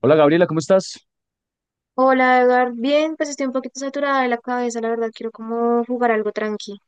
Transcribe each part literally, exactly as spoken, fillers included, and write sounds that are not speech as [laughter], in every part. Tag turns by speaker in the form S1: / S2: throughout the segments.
S1: Hola Gabriela, ¿cómo estás?
S2: Hola, Edgar. Bien, pues estoy un poquito saturada de la cabeza, la verdad. Quiero como jugar algo tranqui.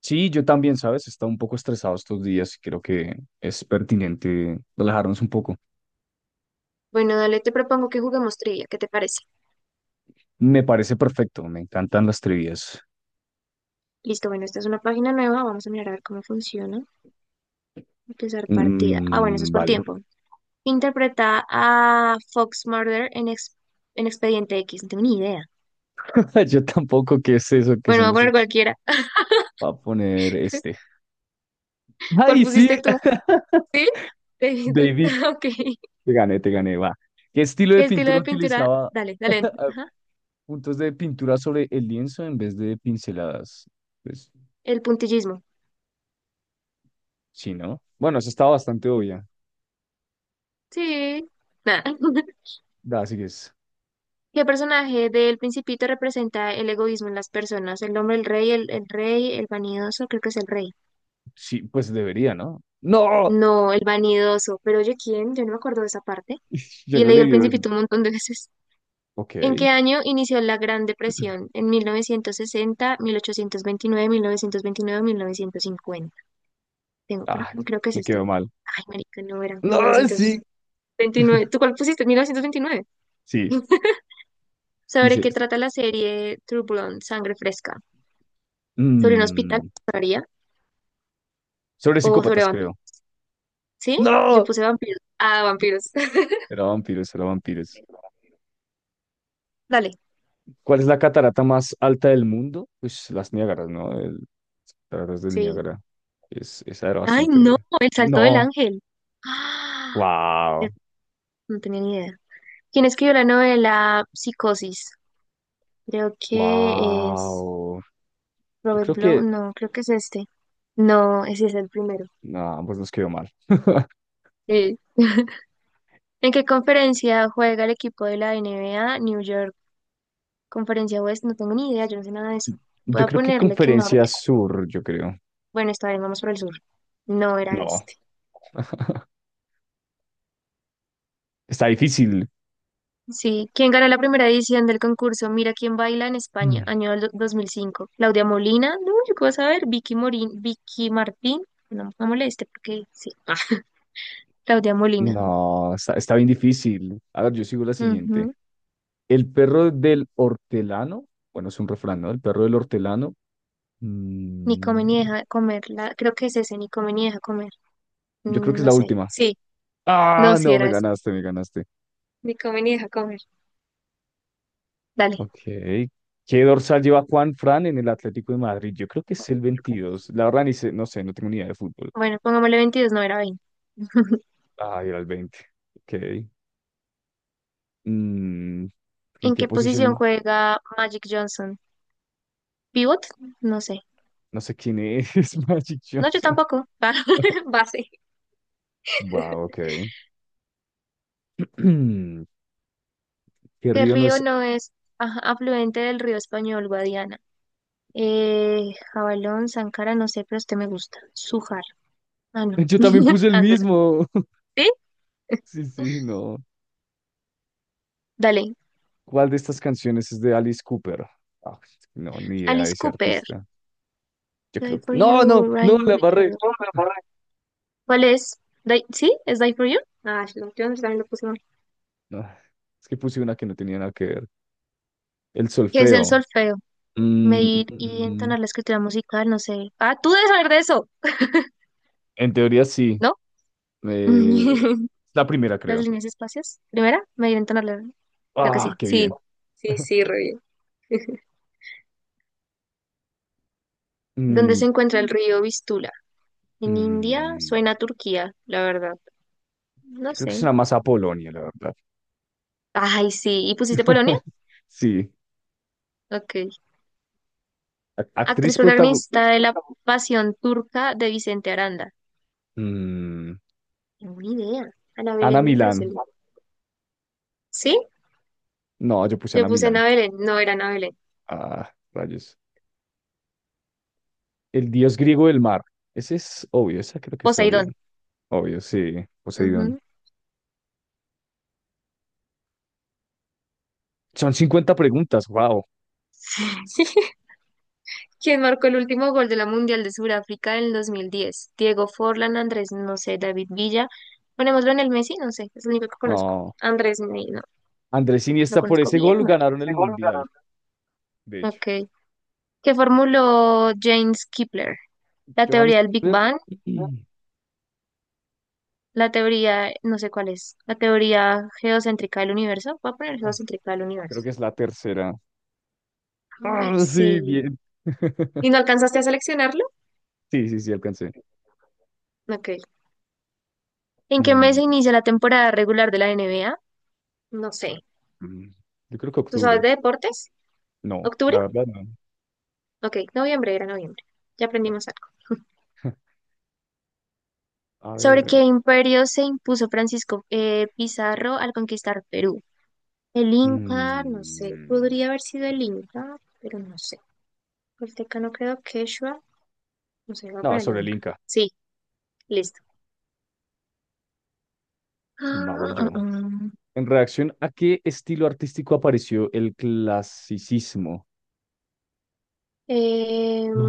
S1: Sí, yo también, ¿sabes? He estado un poco estresado estos días y creo que es pertinente relajarnos un poco.
S2: Bueno, dale, te propongo que juguemos trivia. ¿Qué te parece?
S1: Me parece perfecto, me encantan las trivias.
S2: Listo, bueno, esta es una página nueva. Vamos a mirar a ver cómo funciona. Empezar partida. Ah, bueno, eso es
S1: Mm,
S2: por
S1: vale.
S2: tiempo. Interpreta a Fox Murder en, ex- en Expediente X. No tengo ni idea.
S1: [laughs] Yo tampoco, ¿qué es eso? ¿Qué
S2: Bueno,
S1: son
S2: voy a
S1: los...
S2: poner
S1: est-
S2: cualquiera.
S1: Voy a poner este.
S2: ¿Cuál
S1: ¡Ay, sí!
S2: pusiste tú?
S1: [laughs]
S2: ¿Sí? [laughs] ¿Tú?
S1: David,
S2: [laughs] Ok.
S1: te gané, te gané, va. ¿Qué estilo de
S2: ¿Qué estilo
S1: pintura
S2: de pintura?
S1: utilizaba?
S2: Dale, dale.
S1: Ah,
S2: Ajá.
S1: Puntos de pintura sobre el lienzo en vez de pinceladas. Pues
S2: El puntillismo.
S1: sí, ¿no? Bueno, eso estaba bastante
S2: Sí.
S1: obvia.
S2: Sí. Nada. [laughs]
S1: Da, así que es.
S2: ¿Qué personaje del Principito representa el egoísmo en las personas? El hombre, el rey, el, el rey, el vanidoso, creo que es el rey.
S1: Sí, pues debería, ¿no? ¡No!
S2: No, el vanidoso. Pero oye, ¿quién? Yo no me acuerdo de esa parte.
S1: [laughs] Yo
S2: Y he
S1: no le
S2: leído el
S1: el-
S2: Principito un montón de veces.
S1: Ok.
S2: ¿En qué año inició la Gran Depresión? ¿En mil novecientos sesenta, mil ochocientos veintinueve, mil novecientos veintinueve, mil novecientos cincuenta? Tengo, pero
S1: Ah,
S2: creo que es
S1: me quedó
S2: este.
S1: mal.
S2: Ay, marica, no era.
S1: No, sí.
S2: mil novecientos veintinueve. ¿Tú cuál pusiste? mil novecientos veintinueve.
S1: Sí.
S2: [laughs] ¿Sobre
S1: Dice.
S2: qué trata la serie True Blood, Sangre Fresca? ¿Sobre un hospital?
S1: mm,
S2: ¿Sabría?
S1: sobre
S2: O sobre
S1: psicópatas, creo.
S2: vampiros. ¿Sí? Yo
S1: No.
S2: puse vampiros. Ah, vampiros.
S1: Era vampiros, era vampiros.
S2: [laughs] Dale.
S1: ¿Cuál es la catarata más alta del mundo? Pues las Niágaras, ¿no? El, las cataratas del
S2: Sí.
S1: Niágara. Es, esa era
S2: Ay,
S1: bastante
S2: no,
S1: obvia.
S2: el salto del
S1: No.
S2: ángel. Ah, eh,
S1: Wow.
S2: no tenía ni idea. ¿Quién escribió la novela Psicosis? Creo que es
S1: Wow. Yo
S2: Robert
S1: creo
S2: Blow.
S1: que.
S2: No, creo que es este. No, ese es el primero.
S1: No, pues nos quedó mal. [laughs]
S2: Sí. ¿En qué conferencia juega el equipo de la N B A New York? Conferencia West, no tengo ni idea, yo no sé nada de eso. Voy
S1: Yo
S2: a
S1: creo que
S2: ponerle que
S1: Conferencia
S2: norte.
S1: Sur, yo creo.
S2: Bueno, está bien, vamos por el sur. No era
S1: No.
S2: este.
S1: Está difícil.
S2: Sí, ¿quién ganó la primera edición del concurso Mira quién baila en España,
S1: [clears throat]
S2: año del do- dos mil cinco? Claudia Molina, no, yo qué vas a ver, Vicky Morín, Vicky Martín, no, no moleste porque sí, ah, Claudia Molina,
S1: No, está, está bien difícil. A ver, yo sigo la siguiente.
S2: ujú.
S1: El perro del hortelano, bueno, es un refrán, ¿no? El perro del hortelano.
S2: Ni come
S1: mm,
S2: ni deja comer, la, creo que es ese, ni come ni deja comer.
S1: yo creo
S2: Mm,
S1: que es
S2: no
S1: la
S2: sé,
S1: última.
S2: sí, no,
S1: Ah,
S2: sí
S1: no, me
S2: era ese,
S1: ganaste, me ganaste.
S2: ni come ni deja comer, dale.
S1: Ok. ¿Qué dorsal lleva Juan Fran en el Atlético de Madrid? Yo creo que es el veintidós. La verdad, ni sé, no sé, no tengo ni idea de fútbol.
S2: Bueno, pongámosle veintidós. No era veinte. [laughs]
S1: Ah, era el veinte. Ok. Mm, ¿En
S2: ¿En
S1: qué
S2: qué posición
S1: posición?
S2: juega Magic Johnson? ¿Pivot? No sé,
S1: No sé quién es [laughs] Magic
S2: no, yo
S1: Johnson.
S2: tampoco. [laughs] Base.
S1: Wow, ok. [clears throat] ¿Qué
S2: ¿Qué
S1: río no
S2: río
S1: es?
S2: no es, ajá, afluente del río español, Guadiana? Eh, Jabalón, Sancara, no sé, pero este me gusta. Sujar. Ah,
S1: [laughs]
S2: no.
S1: Yo también
S2: [laughs]
S1: puse el
S2: Ándola.
S1: mismo. [laughs]
S2: ¿Sí?
S1: Sí, sí, no.
S2: Dale.
S1: ¿Cuál de estas canciones es de Alice Cooper? Ah, no, ni idea de
S2: Alice
S1: ese
S2: Cooper.
S1: artista. Yo
S2: Die
S1: creo que...
S2: for
S1: No, no,
S2: you,
S1: no,
S2: Ryan.
S1: la barré.
S2: Oh, me
S1: [laughs]
S2: lo. ¿Cuál es? Die- ¿Sí? ¿Es Die for you? Ah, yo yo también lo puse mal.
S1: No, es que puse una que no tenía nada que ver. El
S2: ¿Qué es el
S1: solfeo.
S2: solfeo?
S1: Mm, mm,
S2: Medir y
S1: mm. Mm.
S2: entonar la escritura musical, no sé. Ah, tú debes saber de eso,
S1: En teoría sí.
S2: ¿no?
S1: Eh,
S2: [laughs]
S1: la primera,
S2: Las
S1: creo.
S2: líneas y espacios. Primera, medir y entonar la... Creo que
S1: Ah,
S2: sí.
S1: qué
S2: Sí,
S1: bien.
S2: sí,
S1: [laughs]
S2: sí, re bien. ¿Dónde se
S1: Mm,
S2: encuentra el río Vistula? ¿En India?
S1: mm.
S2: Suena a Turquía, la verdad. No
S1: Yo creo que
S2: sé.
S1: es una más a Polonia, la verdad.
S2: Ay, sí. ¿Y pusiste Polonia?
S1: [laughs] Sí.
S2: Ok.
S1: Ac-
S2: Actriz
S1: Actriz protagonista.
S2: protagonista de La Pasión Turca de Vicente Aranda. Buena idea. Ana
S1: Ana
S2: Belén me parece el
S1: Milán.
S2: nombre. ¿Sí?
S1: No, yo puse
S2: Yo
S1: Ana
S2: puse
S1: Milán.
S2: Ana Belén. No era Ana Belén.
S1: Ah, rayos. El dios griego del mar. Ese es obvio, esa creo que es obvio.
S2: Poseidón.
S1: Obvio, sí, Poseidón.
S2: Ujú.
S1: Son cincuenta preguntas, wow.
S2: [laughs] ¿Quién marcó el último gol de la Mundial de Sudáfrica en el dos mil diez? Diego Forlán, Andrés, no sé, David Villa. Ponémoslo en el Messi, no sé, es el único que conozco.
S1: No,
S2: Andrés, me- no,
S1: Andrés
S2: lo
S1: Iniesta, por
S2: conozco
S1: ese
S2: bien
S1: gol
S2: mal.
S1: ganaron el Mundial, de hecho.
S2: Ok. Que formuló James Kepler, la
S1: Johannes
S2: teoría del Big
S1: Kepler.
S2: Bang,
S1: [clears throat]
S2: la teoría, no sé cuál es, la teoría geocéntrica del universo. Voy a poner
S1: ah,
S2: geocéntrica del
S1: Creo
S2: universo.
S1: que es la tercera.
S2: Ay,
S1: Ah, sí,
S2: sí.
S1: bien. [laughs]
S2: ¿Y no alcanzaste a seleccionarlo?
S1: Sí, sí, sí, alcancé.
S2: Ok. ¿En qué mes
S1: Mm,
S2: se inicia la temporada regular de la N B A? No sé.
S1: mm, Yo creo que
S2: ¿Tú sabes
S1: octubre.
S2: de deportes?
S1: No,
S2: ¿Octubre?
S1: la verdad no.
S2: Ok, noviembre, era noviembre. Ya aprendimos algo.
S1: [laughs] A
S2: ¿Sobre
S1: ver.
S2: qué imperio se impuso Francisco, eh, Pizarro al conquistar Perú? El Inca, no sé.
S1: mm,
S2: Podría haber sido el Inca, pero no. El no creo Quechua. No sé, voy a
S1: No,
S2: ponerle
S1: sobre el
S2: nunca.
S1: Inca.
S2: Sí, listo. Ah,
S1: Vamos
S2: ah,
S1: yo.
S2: ah.
S1: ¿En reacción a qué estilo artístico apareció el clasicismo?
S2: Em,
S1: Yo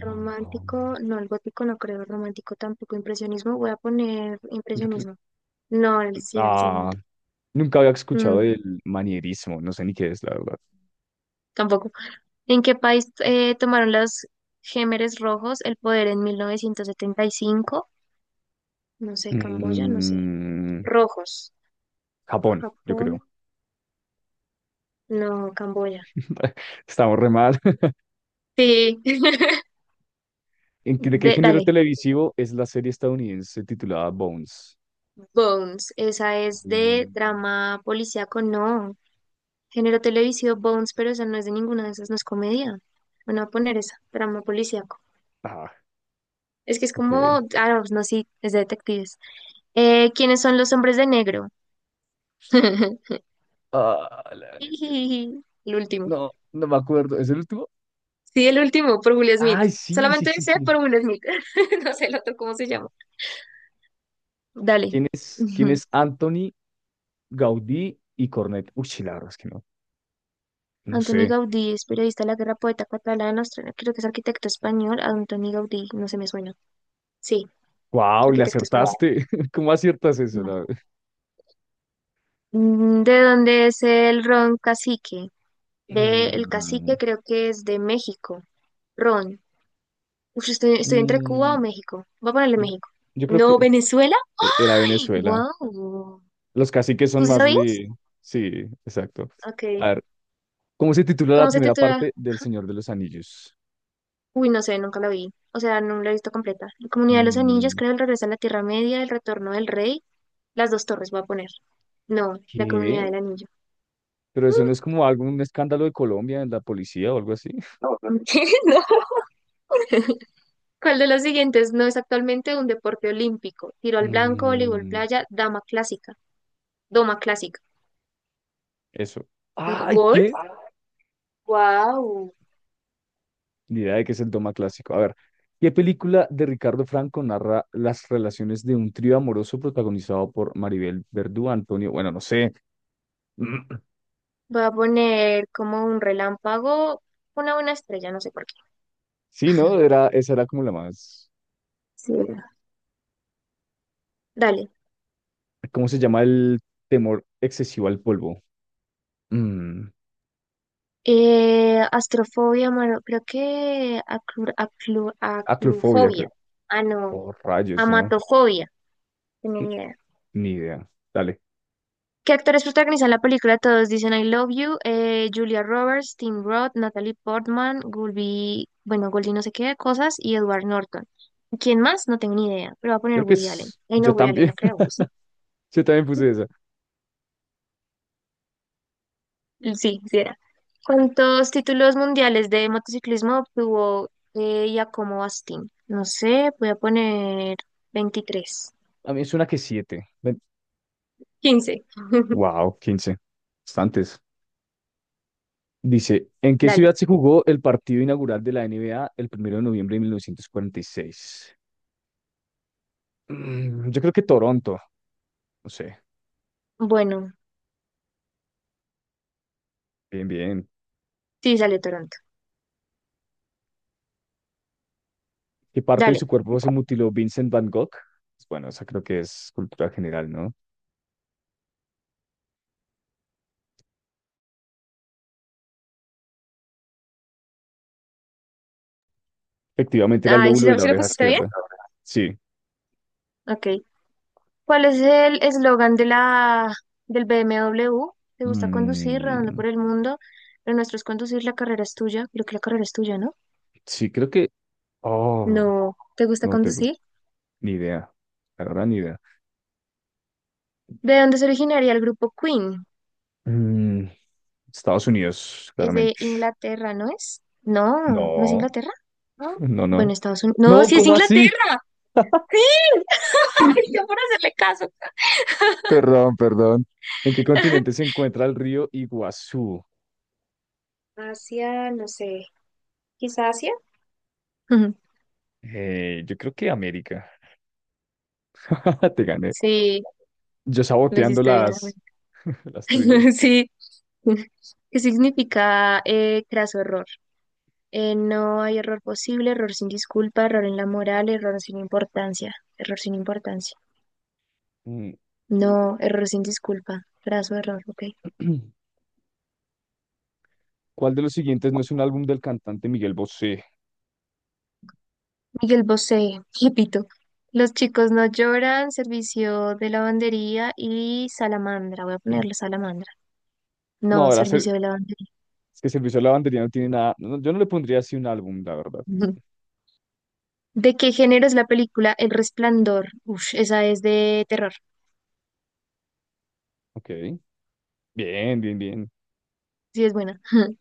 S2: Romántico, no, el gótico no creo, romántico tampoco, impresionismo, voy a poner
S1: creo.
S2: impresionismo. No, el, sí, era el
S1: Ah,
S2: segundo.
S1: nunca había escuchado
S2: Mm,
S1: del manierismo, no sé ni qué es, la verdad.
S2: tampoco. ¿En qué país eh, tomaron los Gémeres Rojos el poder en mil novecientos setenta y cinco? No sé, Camboya, no sé.
S1: Mm,
S2: Rojos.
S1: Japón, yo
S2: Japón,
S1: creo.
S2: no, Camboya.
S1: [laughs] Estamos re mal. [laughs]
S2: Sí. [laughs]
S1: ¿En qué- ¿De qué
S2: De-,
S1: género
S2: dale.
S1: televisivo es la serie estadounidense titulada Bones?
S2: Bones, esa es de
S1: Mm,
S2: drama policíaco, no. Género televisivo Bones, pero esa no es de ninguna de esas, no es comedia. Bueno, voy a poner esa, drama policíaco.
S1: ah,
S2: Es que es como,
S1: ok.
S2: ah, no, no, sí, es de detectives. Eh, ¿quiénes son los hombres de negro? [laughs]
S1: Ah, la-
S2: El último.
S1: no, no me acuerdo. ¿Es el último?
S2: Sí, el último, por Will Smith.
S1: Ay, sí, sí,
S2: Solamente
S1: sí,
S2: sé
S1: sí.
S2: por Will Smith. [laughs] No sé el otro cómo se llama. Dale.
S1: ¿Quién es,
S2: [laughs]
S1: quién
S2: Ujú.
S1: es Anthony Gaudí y Cornet? Uy, sí, la verdad es que no, no
S2: Antoni
S1: sé.
S2: Gaudí es periodista de la guerra, poeta catalán, australiano, creo que es arquitecto español. Antoni Gaudí, no se me suena. Sí,
S1: ¡Wow! Le
S2: arquitecto español.
S1: acertaste. [laughs] ¿Cómo aciertas eso?
S2: Wow.
S1: la-
S2: Mm, ¿de dónde es el ron cacique? De el
S1: Mm,
S2: cacique creo que es de México. Ron. Uf, estoy, estoy entre Cuba
S1: mm,
S2: o México. Voy a ponerle
S1: yo,
S2: México.
S1: yo creo que
S2: No, Venezuela.
S1: e- era Venezuela.
S2: Wow.
S1: Los caciques
S2: ¿Tú
S1: son
S2: sí
S1: más
S2: sabías?
S1: de. Sí, exacto.
S2: Ok.
S1: A ver, ¿cómo se titula la
S2: ¿Cómo se
S1: primera
S2: titula?
S1: parte del Señor de los Anillos?
S2: Uy, no sé, nunca la vi. O sea, no la he visto completa. La Comunidad de los Anillos,
S1: Mm,
S2: creo, el regreso a la Tierra Media, el retorno del rey, las dos torres, voy a poner. No, la Comunidad
S1: ¿Qué?
S2: del Anillo.
S1: Pero eso
S2: Mm,
S1: no es como algún escándalo de Colombia en la policía o algo así. [laughs]
S2: no, no. [laughs] Mm, no. ¿Cuál de los siguientes no es actualmente un deporte olímpico? Tiro al blanco, voleibol
S1: Mm,
S2: playa, dama clásica, doma clásica.
S1: eso.
S2: No,
S1: ¡Ay,
S2: ¿golf?
S1: qué!
S2: Wow.
S1: Ni idea de qué es el doma clásico. A ver, ¿qué película de Ricardo Franco narra las relaciones de un trío amoroso protagonizado por Maribel Verdú, Antonio? Bueno, no sé. [clears throat]
S2: Voy a poner como un relámpago, una una estrella, no sé por qué.
S1: Sí, ¿no? Era, esa era como la más.
S2: Sí, era. Dale.
S1: ¿Cómo se llama el temor excesivo al polvo? Mm,
S2: Eh, astrofobia, mano, creo que aclu- aclu-
S1: aclofobia, creo.
S2: aclufobia. Ah, no.
S1: Oh, rayos, ¿no?
S2: Amatofobia. Tenía
S1: Mm,
S2: ni idea.
S1: ni idea. Dale.
S2: ¿Qué actores protagonizan la película? Todos dicen I Love You, eh, Julia Roberts, Tim Roth, Natalie Portman, Goldie, bueno, Goldie no sé qué cosas, y Edward Norton. ¿Quién más? No tengo ni idea, pero va a poner
S1: Creo que
S2: Woody Allen.
S1: es.
S2: Ay, no,
S1: Yo
S2: Woody Allen
S1: también.
S2: no creo, ¿o ¿sí?
S1: [laughs] Yo también puse esa.
S2: Sí, sí era. ¿Cuántos títulos mundiales de motociclismo obtuvo eh, Giacomo Astin? No sé, voy a poner veintitrés.
S1: A mí es una que siete. Ven.
S2: Quince. [laughs]
S1: Wow, quince, bastantes. Dice, ¿en qué
S2: Dale.
S1: ciudad se jugó el partido inaugural de la N B A el primero de noviembre de mil novecientos cuarenta y seis? Mm, yo creo que Toronto, no sé.
S2: Bueno,
S1: Bien, bien.
S2: sí, sale Toronto.
S1: ¿Qué parte de su
S2: Dale.
S1: cuerpo se mutiló Vincent Van Gogh? Pues bueno, esa creo que es cultura general, ¿no? Efectivamente era el
S2: Ay, ¿sí
S1: lóbulo de
S2: lo,
S1: la
S2: sí lo
S1: oreja
S2: pusiste bien?
S1: izquierda. Sí.
S2: Ok. ¿Cuál es el eslogan de la del B M W? ¿Te gusta conducir, redondo
S1: Mm,
S2: por el mundo? Lo nuestro es conducir, la carrera es tuya. Creo que la carrera es tuya, ¿no?
S1: sí, creo que. Oh,
S2: No, ¿te gusta
S1: no tengo
S2: conducir?
S1: ni idea. La verdad, ni idea.
S2: ¿De dónde se originaría el grupo Queen?
S1: Mm, Estados Unidos,
S2: Es de
S1: claramente.
S2: Inglaterra, ¿no es? No, ¿no es
S1: No,
S2: Inglaterra? No.
S1: [laughs] no,
S2: Bueno,
S1: no.
S2: Estados Unidos. No,
S1: No,
S2: sí es
S1: ¿cómo así?
S2: Inglaterra. Sí. [laughs] Ay,
S1: [laughs]
S2: yo por hacerle caso.
S1: Perdón, perdón. ¿En qué continente se
S2: [laughs]
S1: encuentra el río Iguazú?
S2: Asia, no sé. ¿Quizá Asia? Ujú.
S1: Eh, yo creo que América. [laughs] Te gané.
S2: Sí,
S1: Yo
S2: lo
S1: saboteando
S2: hiciste bien,
S1: las,
S2: amigo.
S1: [laughs] las
S2: [laughs]
S1: trivias.
S2: Sí. [laughs] ¿Qué significa, eh, craso error? Eh, no hay error posible, error sin disculpa, error en la moral, error sin importancia, error sin importancia.
S1: Mm.
S2: No, error sin disculpa, craso error, ok.
S1: [clears throat] ¿Cuál de los siguientes no es un álbum del cantante Miguel Bosé?
S2: Miguel Bosé, [laughs] repito. Los chicos no lloran, servicio de lavandería y salamandra. Voy a ponerle salamandra.
S1: No,
S2: No,
S1: ahora
S2: servicio
S1: se-
S2: de lavandería.
S1: es que Servicio a la Bandería no tiene nada. No, yo no le pondría así un álbum, la verdad.
S2: [laughs] Ujú. ¿De qué género es la película El Resplandor? Uf, esa es de terror.
S1: Ok. Bien, bien, bien.
S2: Sí, es buena. [laughs]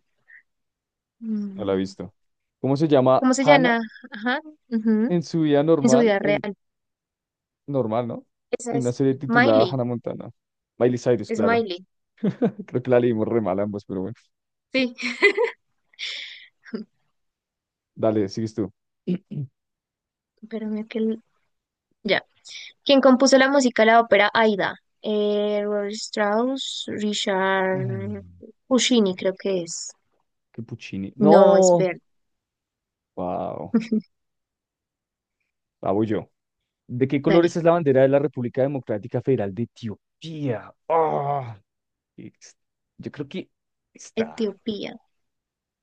S1: No la he
S2: Mm.
S1: visto. ¿Cómo se llama
S2: ¿Cómo se
S1: Hannah
S2: llama? Ajá, ujú,
S1: en su vida
S2: en su
S1: normal?
S2: vida real.
S1: En, normal, ¿no?
S2: Esa
S1: En una
S2: es
S1: serie titulada
S2: Miley,
S1: Hannah Montana. Miley Cyrus,
S2: es
S1: claro.
S2: Miley.
S1: [laughs] Creo que la leímos re mal ambos, pero bueno.
S2: Sí,
S1: Dale, sigues tú. [clears throat]
S2: espérame que... el- Ya. ¿Quién compuso la música de la ópera Aida? Eh, Robert Strauss, Richard
S1: Mm,
S2: Puccini, creo que es.
S1: Qué Puccini,
S2: No, es
S1: no.
S2: Ver.
S1: Wow.
S2: [laughs]
S1: La voy yo. ¿De qué colores
S2: Dale.
S1: es la bandera de la República Democrática Federal de Etiopía? Ah, ex- yo creo que está.
S2: Etiopía.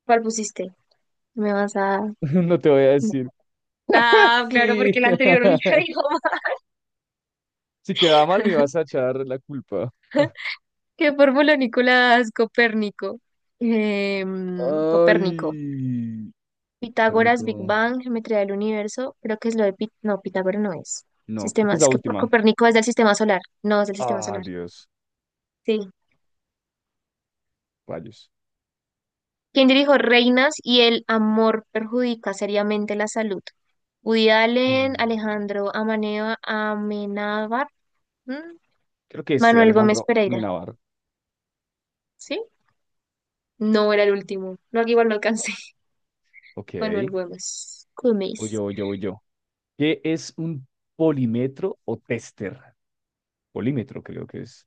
S2: ¿Cuál pusiste? Me vas a...
S1: [laughs] No te voy a
S2: no.
S1: decir. [laughs]
S2: Ah, claro, porque
S1: Sí.
S2: la anterior me la
S1: [laughs]
S2: dijo.
S1: Si quedaba mal, me vas a
S2: [laughs]
S1: echar la culpa.
S2: ¿Qué formuló Nicolás Copérnico? Em, Copérnico.
S1: Ay.
S2: Pitágoras, Big
S1: Verónico.
S2: Bang, geometría del universo, creo que es lo de Pit, no, Pitágoras no es.
S1: No, creo
S2: Sistema,
S1: que es la
S2: es que por
S1: última.
S2: Copérnico es del sistema solar, no es del sistema
S1: Ah,
S2: solar.
S1: Dios.
S2: Sí.
S1: Rayos.
S2: ¿Quién dirijo Reinas y el amor perjudica seriamente la salud? Woody Allen,
S1: Mm,
S2: Alejandro Amaneo, Amenábar, ¿m?
S1: Creo que este,
S2: Manuel Gómez
S1: Alejandro
S2: Pereira.
S1: Menabar.
S2: ¿Sí? No era el último. No, aquí igual no alcancé. [laughs]
S1: Ok,
S2: Manuel Gómez.
S1: voy
S2: Gómez.
S1: yo, voy yo, voy yo. ¿Qué es un polímetro o tester? Polímetro creo que es.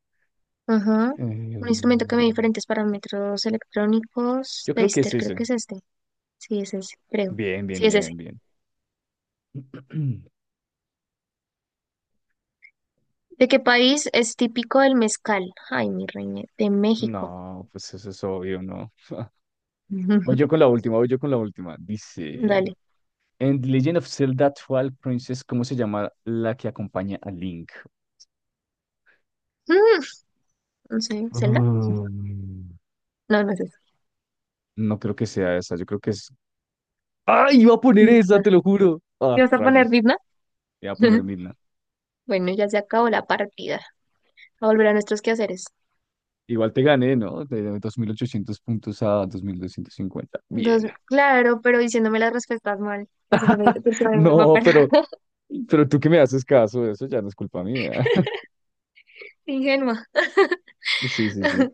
S2: Ajá. Un instrumento que mide
S1: Mm,
S2: diferentes parámetros electrónicos.
S1: Yo creo que es
S2: Taster, creo que
S1: ese.
S2: es este. Sí, es ese, creo.
S1: Bien, bien,
S2: Sí, es ese.
S1: bien, bien. [clears throat]
S2: ¿De qué país es típico el mezcal? Ay, mi reina, de México.
S1: No, pues eso es obvio, ¿no? Voy
S2: [laughs]
S1: yo con la última, voy yo con la última. Dice,
S2: Dale.
S1: en The Legend of Zelda Twilight Princess, ¿cómo se llama la que acompaña a Link?
S2: Mm, no sé, ¿Zelda?
S1: Mm,
S2: No, no es eso.
S1: No creo que sea esa, yo creo que es. ¡Ay, iba a poner esa,
S2: Midna.
S1: te lo juro!
S2: ¿Qué
S1: Ah,
S2: vas a poner,
S1: rayos,
S2: Midna?
S1: iba a poner
S2: [laughs]
S1: Midna.
S2: Bueno, ya se acabó la partida. A volver a nuestros quehaceres.
S1: Igual te gané, ¿no? De dos mil ochocientos puntos a dos mil doscientos cincuenta.
S2: Dos,
S1: Bien.
S2: claro, pero diciéndome las respuestas mal. Gracias,
S1: [laughs]
S2: persuadiéndome
S1: No,
S2: para
S1: pero, pero tú que me haces caso, eso ya no es culpa mía. [laughs]
S2: [laughs] ingenua.
S1: Sí, sí, sí.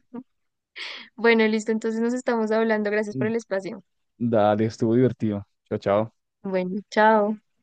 S2: Bueno, listo, entonces nos estamos hablando. Gracias por el espacio.
S1: Dale, estuvo divertido. Chao, chao.
S2: Bueno, chao.